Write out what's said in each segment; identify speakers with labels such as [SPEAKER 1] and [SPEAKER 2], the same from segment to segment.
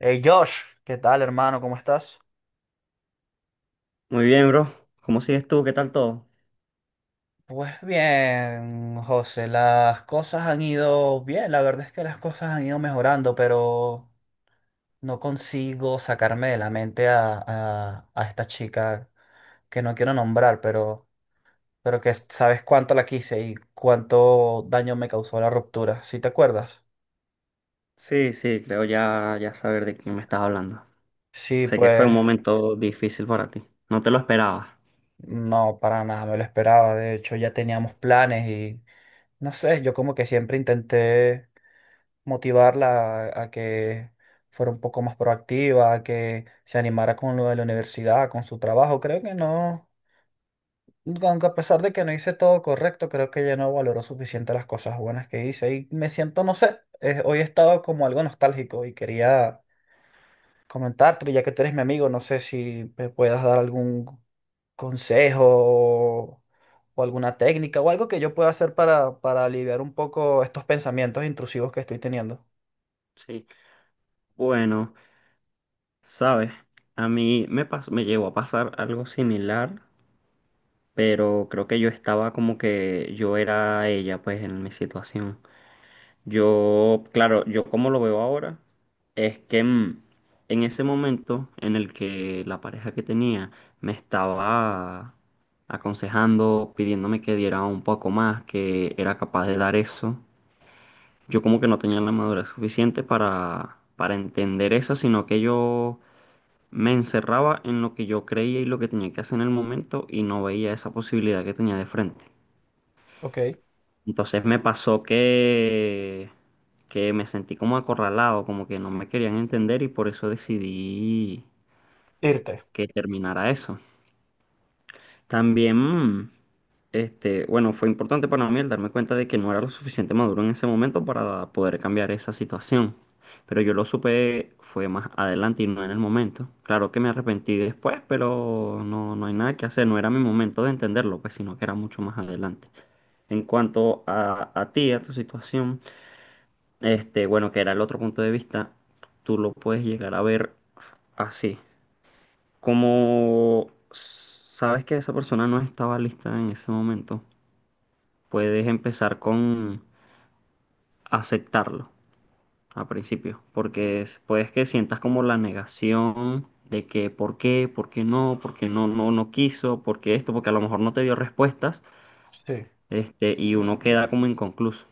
[SPEAKER 1] Hey Josh, ¿qué tal, hermano? ¿Cómo estás?
[SPEAKER 2] Muy bien, bro. ¿Cómo sigues tú? ¿Qué tal todo?
[SPEAKER 1] Pues bien, José, las cosas han ido bien, la verdad es que las cosas han ido mejorando, pero no consigo sacarme de la mente a esta chica que no quiero nombrar, pero que sabes cuánto la quise y cuánto daño me causó la ruptura. ¿Sí te acuerdas?
[SPEAKER 2] Sí, sí, creo ya saber de quién me estás hablando.
[SPEAKER 1] Sí,
[SPEAKER 2] Sé que fue
[SPEAKER 1] pues
[SPEAKER 2] un momento difícil para ti. No te lo esperabas.
[SPEAKER 1] no, para nada, me lo esperaba, de hecho ya teníamos planes. No sé, yo como que siempre intenté motivarla a que fuera un poco más proactiva, a que se animara con lo de la universidad, con su trabajo. Creo que no, aunque a pesar de que no hice todo correcto, creo que ella no valoró suficiente las cosas buenas que hice y me siento, no sé, hoy he estado como algo nostálgico y quería comentarte, ya que tú eres mi amigo, no sé si me puedas dar algún consejo o alguna técnica o algo que yo pueda hacer para aliviar un poco estos pensamientos intrusivos que estoy teniendo.
[SPEAKER 2] Sí. Bueno, sabes, a mí me llegó a pasar algo similar, pero creo que yo estaba como que yo era ella, pues, en mi situación. Yo, claro, yo como lo veo ahora, es que en ese momento en el que la pareja que tenía me estaba aconsejando, pidiéndome que diera un poco más, que era capaz de dar eso, yo como que no tenía la madurez suficiente para entender eso, sino que yo me encerraba en lo que yo creía y lo que tenía que hacer en el momento y no veía esa posibilidad que tenía de frente.
[SPEAKER 1] Ok,
[SPEAKER 2] Entonces me pasó que me sentí como acorralado, como que no me querían entender y por eso decidí
[SPEAKER 1] irte.
[SPEAKER 2] que terminara eso. También, este, bueno, fue importante para mí el darme cuenta de que no era lo suficiente maduro en ese momento para poder cambiar esa situación. Pero yo lo supe fue más adelante y no en el momento. Claro que me arrepentí después, pero no, no hay nada que hacer. No era mi momento de entenderlo, pues, sino que era mucho más adelante. En cuanto a ti, a tu situación. Este, bueno, que era el otro punto de vista, tú lo puedes llegar a ver así. Como sabes que esa persona no estaba lista en ese momento, puedes empezar con aceptarlo al principio, puedes que sientas como la negación de que por qué no, no quiso, por qué esto, porque a lo mejor no te dio respuestas,
[SPEAKER 1] Sí,
[SPEAKER 2] este, y uno queda como inconcluso.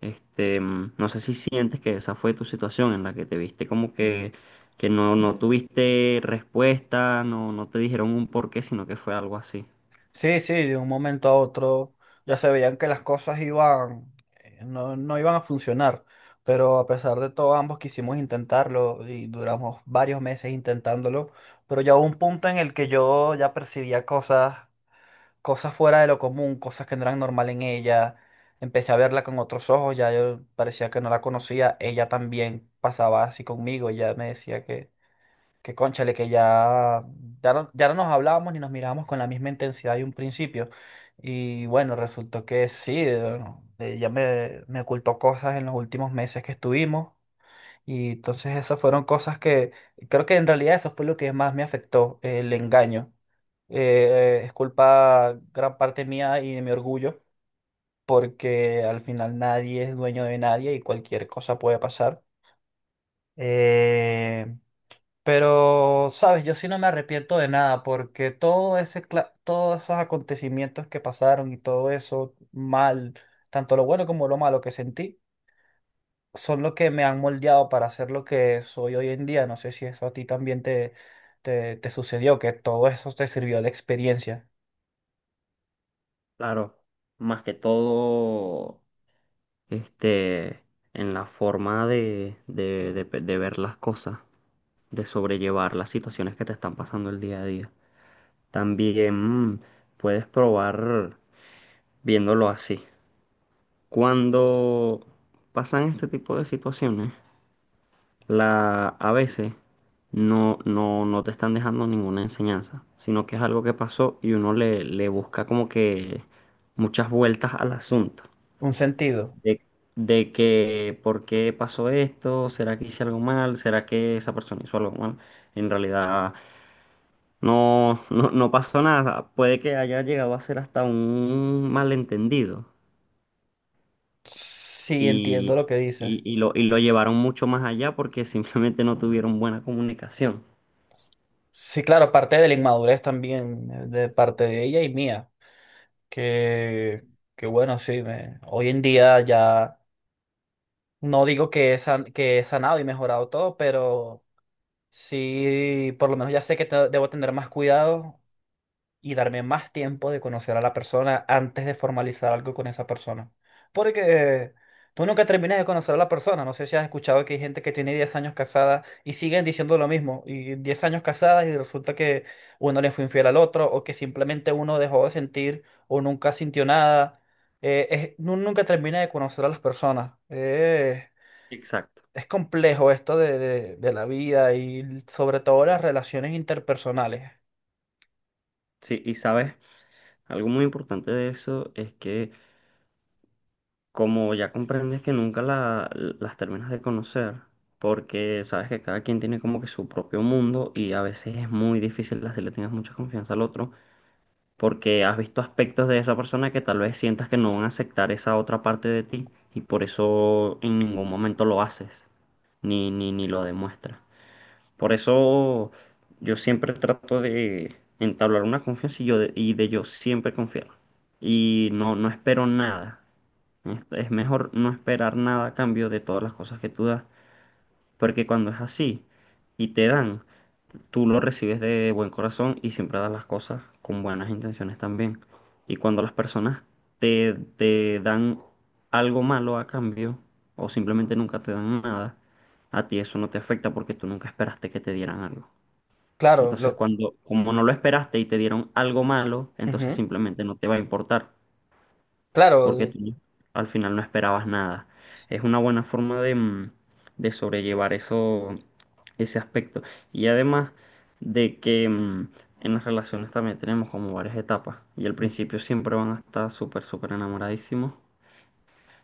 [SPEAKER 2] Este, mm, no sé si sientes que esa fue tu situación en la que te viste como que no, no tuviste respuesta, no, no te dijeron un porqué, sino que fue algo así.
[SPEAKER 1] sí, sí, de un momento a otro ya se veían que las cosas iban, no, no iban a funcionar, pero a pesar de todo ambos quisimos intentarlo y duramos varios meses intentándolo, pero ya hubo un punto en el que yo ya percibía cosas fuera de lo común, cosas que no eran normal en ella. Empecé a verla con otros ojos, ya yo parecía que no la conocía. Ella también pasaba así conmigo, ella me decía que cónchale, que ya, ya no, ya no nos hablábamos ni nos mirábamos con la misma intensidad de un principio. Y bueno, resultó que sí, bueno, ella me ocultó cosas en los últimos meses que estuvimos. Y entonces esas fueron cosas que creo que en realidad eso fue lo que más me afectó, el engaño. Es culpa gran parte mía y de mi orgullo, porque al final nadie es dueño de nadie y cualquier cosa puede pasar. Eh, pero, sabes, yo sí no me arrepiento de nada, porque todo ese, todos esos acontecimientos que pasaron y todo eso mal, tanto lo bueno como lo malo que sentí, son lo que me han moldeado para ser lo que soy hoy en día. No sé si eso a ti también te sucedió, que todo eso te sirvió de experiencia,
[SPEAKER 2] Claro, más que todo, este, en la forma de ver las cosas, de sobrellevar las situaciones que te están pasando el día a día. También puedes probar viéndolo así. Cuando pasan este tipo de situaciones, la, a veces no te están dejando ninguna enseñanza, sino que es algo que pasó y uno le busca como que muchas vueltas al asunto.
[SPEAKER 1] un sentido.
[SPEAKER 2] De, de que, ¿por qué pasó esto? ¿Será que hice algo mal? ¿Será que esa persona hizo algo mal? En realidad no pasó nada. Puede que haya llegado a ser hasta un malentendido
[SPEAKER 1] Sí, entiendo lo
[SPEAKER 2] y,
[SPEAKER 1] que dices.
[SPEAKER 2] y lo llevaron mucho más allá porque simplemente no tuvieron buena comunicación.
[SPEAKER 1] Sí, claro, parte de la inmadurez también, de parte de ella y mía, que, que bueno, sí, hoy en día ya no digo que que he sanado y mejorado todo, pero sí, por lo menos ya sé que debo tener más cuidado y darme más tiempo de conocer a la persona antes de formalizar algo con esa persona. Porque tú nunca terminas de conocer a la persona. No sé si has escuchado que hay gente que tiene 10 años casada y siguen diciendo lo mismo. Y 10 años casadas y resulta que uno le fue infiel al otro o que simplemente uno dejó de sentir o nunca sintió nada. Nunca termina de conocer a las personas.
[SPEAKER 2] Exacto.
[SPEAKER 1] Es complejo esto de la vida y sobre todo las relaciones interpersonales.
[SPEAKER 2] Sí, y sabes, algo muy importante de eso es que como ya comprendes que nunca la- las terminas de conocer, porque sabes que cada quien tiene como que su propio mundo y a veces es muy difícil así le tengas mucha confianza al otro, porque has visto aspectos de esa persona que tal vez sientas que no van a aceptar esa otra parte de ti y por eso en ningún momento lo haces, ni lo demuestras. Por eso yo siempre trato de entablar una confianza y de yo siempre confiar. Y no, no espero nada. Es mejor no esperar nada a cambio de todas las cosas que tú das. Porque cuando es así y te dan, tú lo recibes de buen corazón y siempre das las cosas con buenas intenciones también. Y cuando las personas te dan algo malo a cambio o simplemente nunca te dan nada, a ti eso no te afecta porque tú nunca esperaste que te dieran algo.
[SPEAKER 1] Claro,
[SPEAKER 2] Entonces,
[SPEAKER 1] lo...
[SPEAKER 2] cuando, como no lo esperaste y te dieron algo malo, entonces
[SPEAKER 1] Ujú.
[SPEAKER 2] simplemente no te va a importar, porque
[SPEAKER 1] Claro,
[SPEAKER 2] tú al final no esperabas nada. Es una buena forma de, de sobrellevar eso, ese aspecto. Y además de que en las relaciones también tenemos como varias etapas, y al principio siempre van a estar súper, súper enamoradísimos,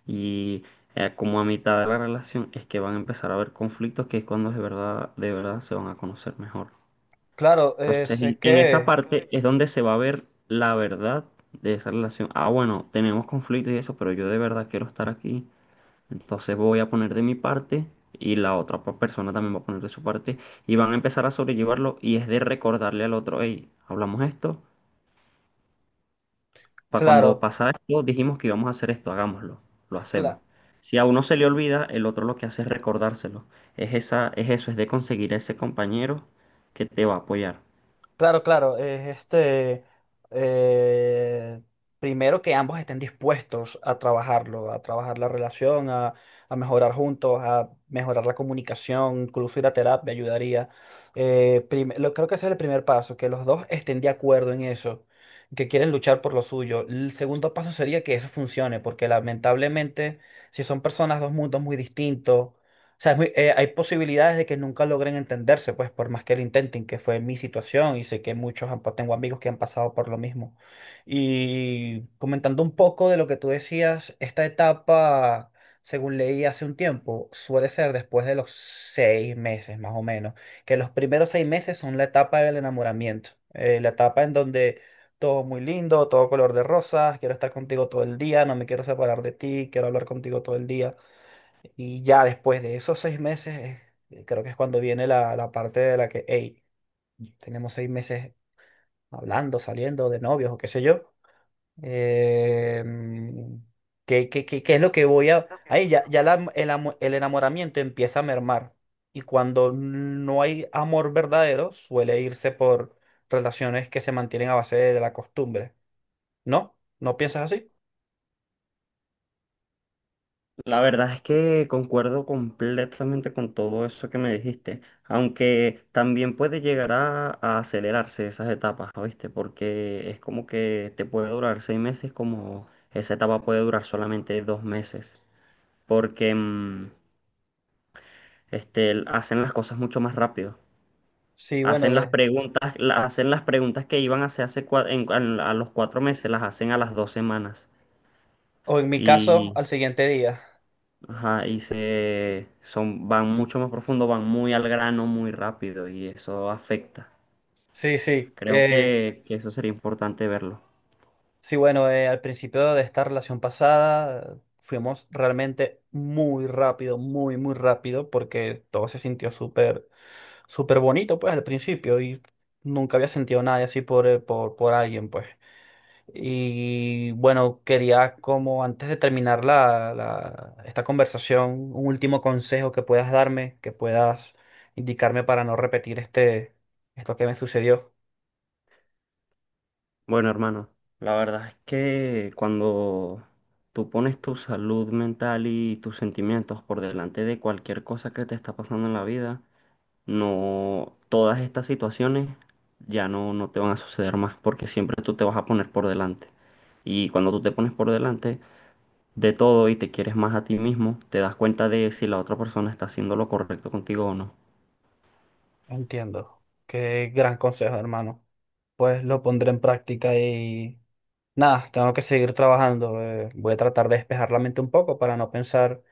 [SPEAKER 2] y como a mitad de la relación es que van a empezar a haber conflictos, que es cuando de verdad se van a conocer mejor.
[SPEAKER 1] claro,
[SPEAKER 2] Entonces,
[SPEAKER 1] sé
[SPEAKER 2] en esa
[SPEAKER 1] que,
[SPEAKER 2] parte es donde se va a ver la verdad de esa relación. Ah, bueno, tenemos conflictos y eso, pero yo de verdad quiero estar aquí. Entonces voy a poner de mi parte y la persona también va a poner de su parte y van a empezar a sobrellevarlo y es de recordarle al otro, hey, hablamos esto, para cuando
[SPEAKER 1] claro,
[SPEAKER 2] pasa esto dijimos que íbamos a hacer esto, hagámoslo, lo hacemos.
[SPEAKER 1] cla-
[SPEAKER 2] Si a uno se le olvida, el otro lo que hace es recordárselo. Es esa, es eso, es de conseguir ese compañero que te va a apoyar.
[SPEAKER 1] claro, es este, eh, primero que ambos estén dispuestos a trabajarlo, a trabajar la relación, a mejorar juntos, a mejorar la comunicación, incluso ir a terapia ayudaría. Creo que ese es el primer paso, que los dos estén de acuerdo en eso, que quieren luchar por lo suyo. El segundo paso sería que eso funcione, porque lamentablemente, si son personas, dos mundos muy distintos, sea, hay posibilidades de que nunca logren entenderse, pues por más que lo intenten, que fue mi situación y sé que muchos tengo amigos que han pasado por lo mismo. Y comentando un poco de lo que tú decías, esta etapa, según leí hace un tiempo, suele ser después de los 6 meses más o menos, que los primeros 6 meses son la etapa del enamoramiento, la etapa en donde... Todo muy lindo, todo color de rosas, quiero estar contigo todo el día, no me quiero separar de ti, quiero hablar contigo todo el día. Y ya después de esos 6 meses, creo que es cuando viene la parte de la que, hey, tenemos 6 meses hablando, saliendo de novios o qué sé yo. em, qué es lo que voy a...? Ahí ya, el enamoramiento empieza a mermar. Y cuando no hay amor verdadero, suele irse por relaciones que se mantienen a base de la costumbre. ¿No? ¿No piensas así?
[SPEAKER 2] La verdad es que concuerdo completamente con todo eso que me dijiste, aunque también puede llegar a acelerarse esas etapas, ¿viste? Porque es como que te puede durar 6 meses, como esa etapa puede durar solamente 2 meses, porque hacen las cosas mucho más rápido.
[SPEAKER 1] Sí, bueno,
[SPEAKER 2] Hacen las
[SPEAKER 1] de...
[SPEAKER 2] preguntas, hacen las preguntas que iban a hacer a los 4 meses, las hacen a las 2 semanas.
[SPEAKER 1] O en mi caso, al siguiente día.
[SPEAKER 2] Ajá, y se son, van mucho más profundo, van muy al grano, muy rápido, y eso afecta.
[SPEAKER 1] Sí, sí,
[SPEAKER 2] Creo
[SPEAKER 1] que...
[SPEAKER 2] que eso sería importante verlo.
[SPEAKER 1] Sí, bueno, al principio de esta relación pasada fuimos realmente muy rápido, muy, muy rápido, porque todo se sintió súper, súper bonito, pues, al principio, y nunca había sentido nada así por alguien, pues. Y bueno, quería como antes de terminar esta conversación, un último consejo que puedas darme, que puedas indicarme para no repetir esto que me sucedió.
[SPEAKER 2] Bueno, hermano, la verdad es que cuando tú pones tu salud mental y tus sentimientos por delante de cualquier cosa que te está pasando en la vida, no, todas estas situaciones ya no te van a suceder más, porque siempre tú te vas a poner por delante. Y cuando tú te pones por delante, de todo y te quieres más a ti mismo, te das cuenta de si la otra persona está haciendo lo correcto contigo o no.
[SPEAKER 1] Entiendo. Qué gran consejo, hermano. Pues lo pondré en práctica y nada, tengo que seguir trabajando. Voy a tratar de despejar la mente un poco para no pensar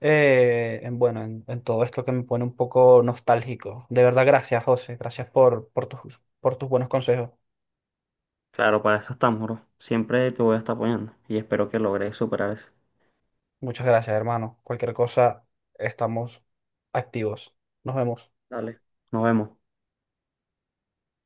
[SPEAKER 1] en todo esto que me pone un poco nostálgico. De verdad, gracias, José. Gracias por tus buenos consejos.
[SPEAKER 2] Claro, para eso estamos, bro. Siempre te voy a estar apoyando y espero que logres superar eso.
[SPEAKER 1] Muchas gracias, hermano. Cualquier cosa, estamos activos. Nos vemos.
[SPEAKER 2] Dale, nos vemos.